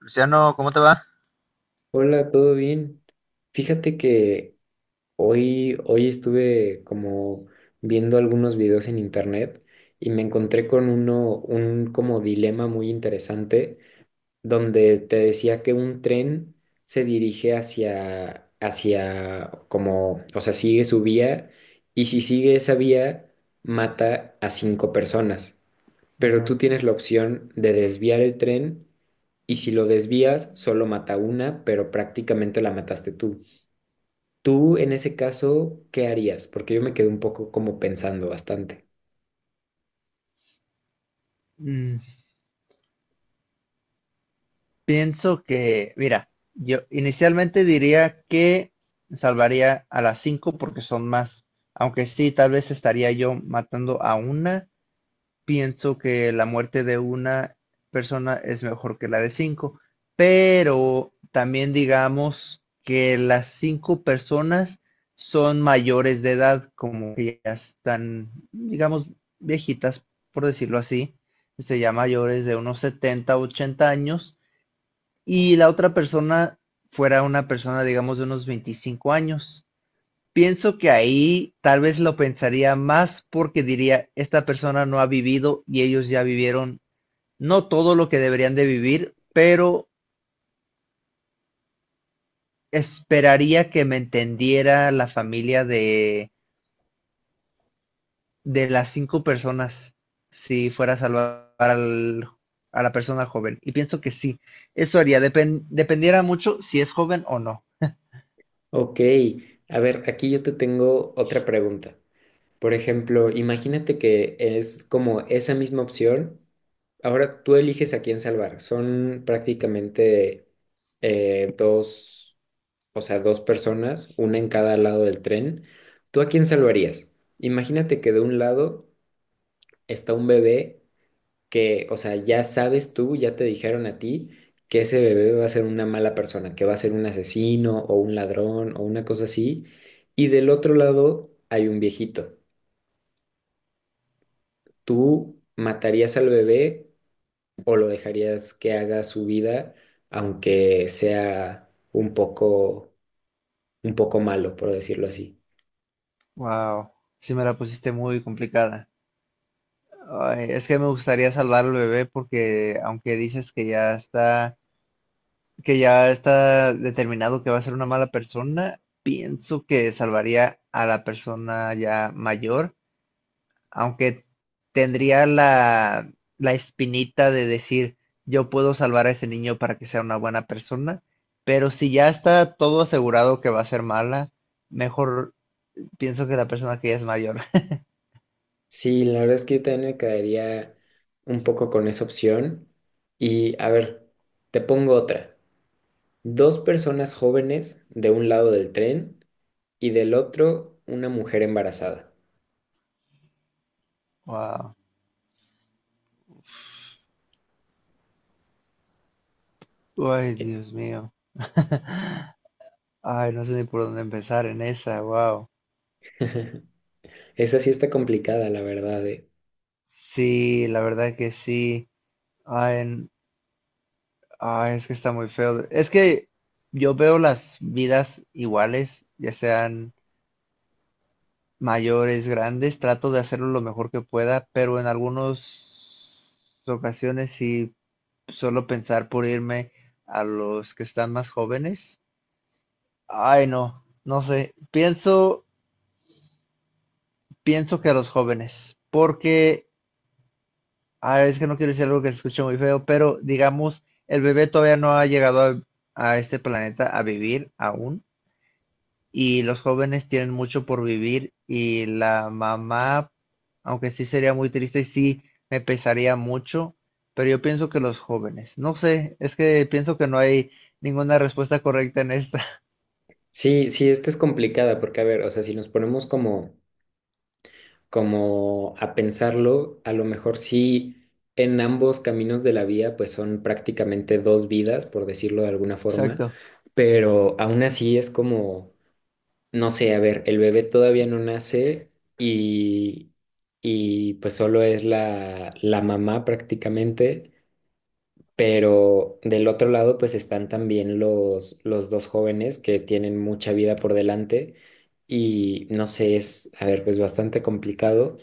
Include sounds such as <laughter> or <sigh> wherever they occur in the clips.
Luciano, ¿cómo te va? Hola, ¿todo bien? Fíjate que hoy estuve como viendo algunos videos en internet y me encontré con un como dilema muy interesante donde te decía que un tren se dirige hacia como, o sea, sigue su vía y si sigue esa vía mata a cinco personas, pero Ajá. tú tienes la opción de desviar el tren y si lo desvías, solo mata una, pero prácticamente la mataste tú. Tú, en ese caso, ¿qué harías? Porque yo me quedé un poco como pensando bastante. Mm, pienso que, mira, yo inicialmente diría que salvaría a las cinco porque son más, aunque sí, tal vez estaría yo matando a una, pienso que la muerte de una persona es mejor que la de cinco, pero también digamos que las cinco personas son mayores de edad, como que ya están, digamos, viejitas, por decirlo así, se llama mayores de unos 70, 80 años, y la otra persona fuera una persona, digamos, de unos 25 años. Pienso que ahí tal vez lo pensaría más porque diría, esta persona no ha vivido y ellos ya vivieron, no todo lo que deberían de vivir, pero esperaría que me entendiera la familia de las cinco personas si fuera a a la persona joven. Y pienso que sí, eso haría, dependiera mucho si es joven o no. Ok, a ver, aquí yo te tengo otra pregunta. Por ejemplo, imagínate que es como esa misma opción. Ahora tú eliges a quién salvar. Son prácticamente dos, o sea, dos personas, una en cada lado del tren. ¿Tú a quién salvarías? Imagínate que de un lado está un bebé que, o sea, ya sabes tú, ya te dijeron a ti que ese bebé va a ser una mala persona, que va a ser un asesino o un ladrón o una cosa así. Y del otro lado hay un viejito. ¿Tú matarías al bebé o lo dejarías que haga su vida, aunque sea un poco malo, por decirlo así? Wow, sí me la pusiste muy complicada. Ay, es que me gustaría salvar al bebé porque aunque dices que ya está determinado que va a ser una mala persona, pienso que salvaría a la persona ya mayor, aunque tendría la espinita de decir, yo puedo salvar a ese niño para que sea una buena persona, pero si ya está todo asegurado que va a ser mala, mejor pienso que la persona que ya es mayor. <laughs> Sí, la verdad es que yo también me quedaría un poco con esa opción. Y a ver, te pongo otra. Dos personas jóvenes de un lado del tren y del otro una mujer embarazada. Wow. Ay, Eh, Dios mío. <laughs> Ay, no sé ni por dónde empezar en esa, wow. Esa sí está complicada, la verdad. Sí, la verdad que sí. Ay, n- ay, es que está muy feo. Es que yo veo las vidas iguales, ya sean mayores, grandes, trato de hacerlo lo mejor que pueda, pero en algunas ocasiones sí, solo pensar por irme a los que están más jóvenes. Ay, no, no sé. Pienso que a los jóvenes, porque ah, es que no quiero decir algo que se escuche muy feo, pero digamos, el bebé todavía no ha llegado a este planeta a vivir aún, y los jóvenes tienen mucho por vivir, y la mamá, aunque sí sería muy triste, sí me pesaría mucho, pero yo pienso que los jóvenes, no sé, es que pienso que no hay ninguna respuesta correcta en esta. <laughs> Sí, sí, esta es complicada porque, a ver, o sea, si nos ponemos como a pensarlo, a lo mejor sí en ambos caminos de la vía, pues son prácticamente dos vidas, por decirlo de alguna forma, Exacto. pero aún así es como. No sé, a ver, el bebé todavía no nace y, y pues solo es la mamá prácticamente, pero del otro lado pues están también los dos jóvenes que tienen mucha vida por delante y no sé, es, a ver, pues bastante complicado,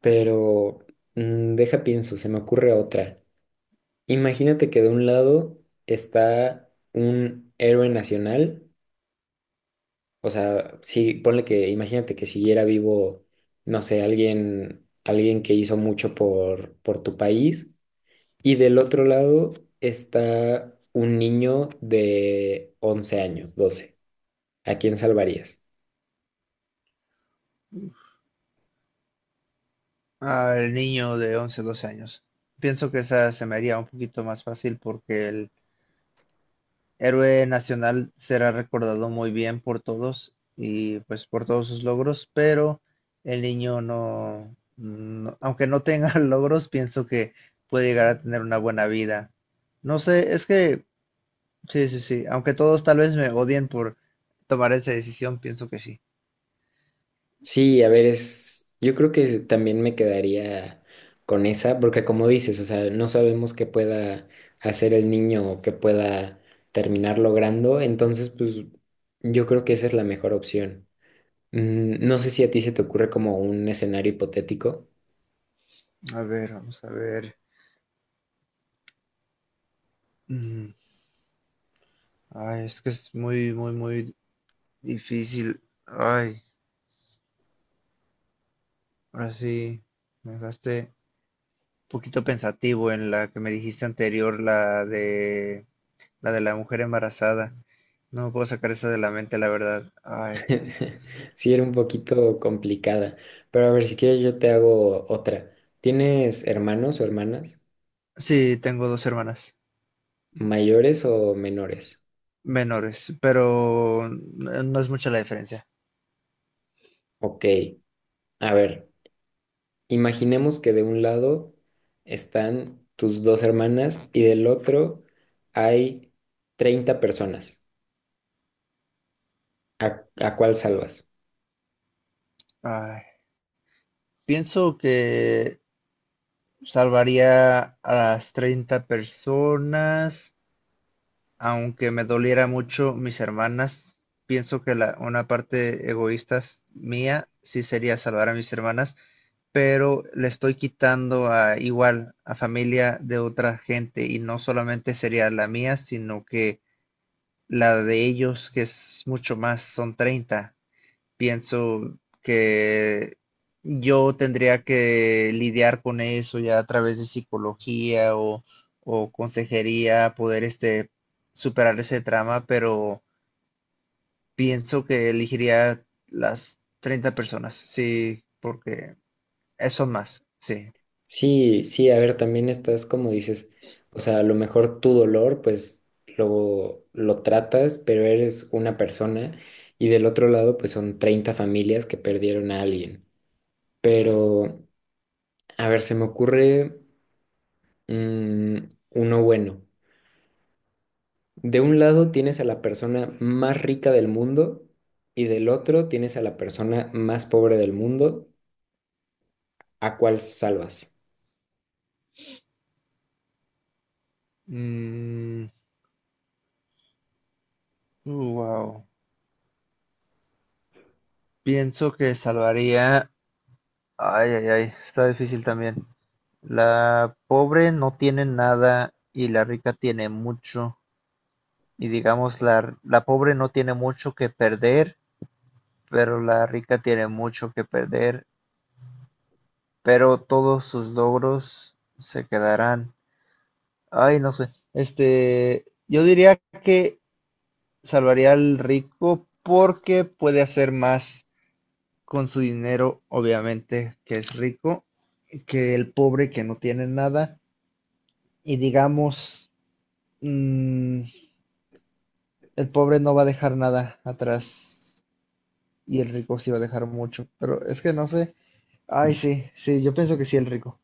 pero deja pienso, se me ocurre otra. Imagínate que de un lado está un héroe nacional. O sea, sí, ponle que, imagínate que siguiera vivo, no sé, alguien que hizo mucho por tu país, y del otro lado está un niño de 11 años, 12, ¿a quién salvarías? Al niño de 11, 12 años. Pienso que esa se me haría un poquito más fácil porque el héroe nacional será recordado muy bien por todos y pues por todos sus logros, pero el niño aunque no tenga <laughs> logros, pienso que puede llegar a tener una buena vida. No sé, es que sí, sí, sí, aunque todos tal vez me odien por tomar esa decisión, pienso que sí. Sí, a ver, es, yo creo que también me quedaría con esa, porque como dices, o sea, no sabemos qué pueda hacer el niño o qué pueda terminar logrando, entonces, pues, yo creo que esa es la mejor opción. No sé si a ti se te ocurre como un escenario hipotético. A ver, vamos a ver. Mm, Ay, es que es muy difícil. Ay, ahora sí, me dejaste poquito pensativo en la que me dijiste anterior, la de la de la mujer embarazada. No me puedo sacar esa de la mente, la verdad. Ay, <laughs> Sí, era un poquito complicada, pero a ver, si quieres yo te hago otra. ¿Tienes hermanos o hermanas sí, tengo dos hermanas mayores o menores? menores, pero no es mucha la diferencia. Ok, a ver, imaginemos que de un lado están tus dos hermanas y del otro hay 30 personas. ¿A cuál salvas? Ay, pienso que salvaría a las 30 personas. Aunque me doliera mucho mis hermanas, pienso que la una parte mía sí sería salvar a mis hermanas, pero le estoy quitando a igual a familia de otra gente y no solamente sería la mía, sino que la de ellos, que es mucho más, son 30, pienso que yo tendría que lidiar con eso ya a través de psicología o consejería, poder este, superar ese trauma, pero pienso que elegiría las 30 personas, sí, porque eso más, sí. Sí, sí, a ver, también estás como dices, o sea, a lo mejor tu dolor, pues lo tratas, pero eres una persona y del otro lado, pues son 30 familias que perdieron a alguien. Pero, a ver, se me ocurre mm, uno bueno. De un lado tienes a la persona más rica del mundo y del otro tienes a la persona más pobre del mundo. ¿A cuál salvas? Mm, wow. Pienso que salvaría... Ay, ay, ay, está difícil también. La pobre no tiene nada y la rica tiene mucho. Y digamos la pobre no tiene mucho que perder, pero la rica tiene mucho que perder, pero todos sus logros se quedarán. Ay, no sé. Este, yo diría que salvaría al rico porque puede hacer más con su dinero, obviamente, que es rico, que el pobre que no tiene nada. Y digamos, mm, el pobre no va a dejar nada atrás y el rico sí va a dejar mucho. Pero es que no sé. Ay, sí, sí, yo pienso que sí, el rico.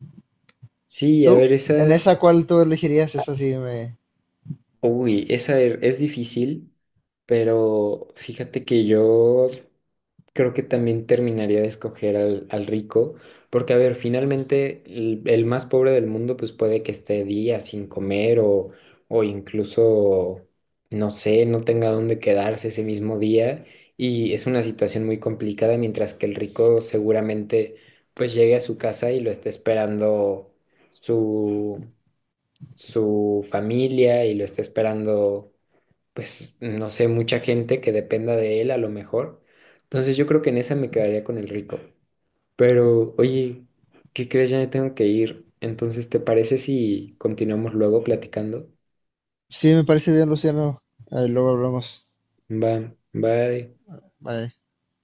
Sí, a ¿Tú? ver, ¿En esa. esa cuál tú elegirías? Esa Uy, esa es difícil, pero fíjate que yo creo que también terminaría de escoger al rico, porque a ver, finalmente el más pobre del mundo pues puede que esté días sin comer o incluso, no sé, no tenga dónde quedarse ese mismo día y es una situación muy complicada, mientras que el rico seguramente pues llegue a su casa y lo esté esperando su familia y lo está esperando, pues, no sé, mucha gente que dependa de él a lo mejor. Entonces yo creo que en esa me quedaría con el rico. Pero, oye, ¿qué crees? Ya me tengo que ir. Entonces, ¿te parece si continuamos luego platicando? sí me parece bien, Luciano. Luego hablamos. Va, bye. Bye.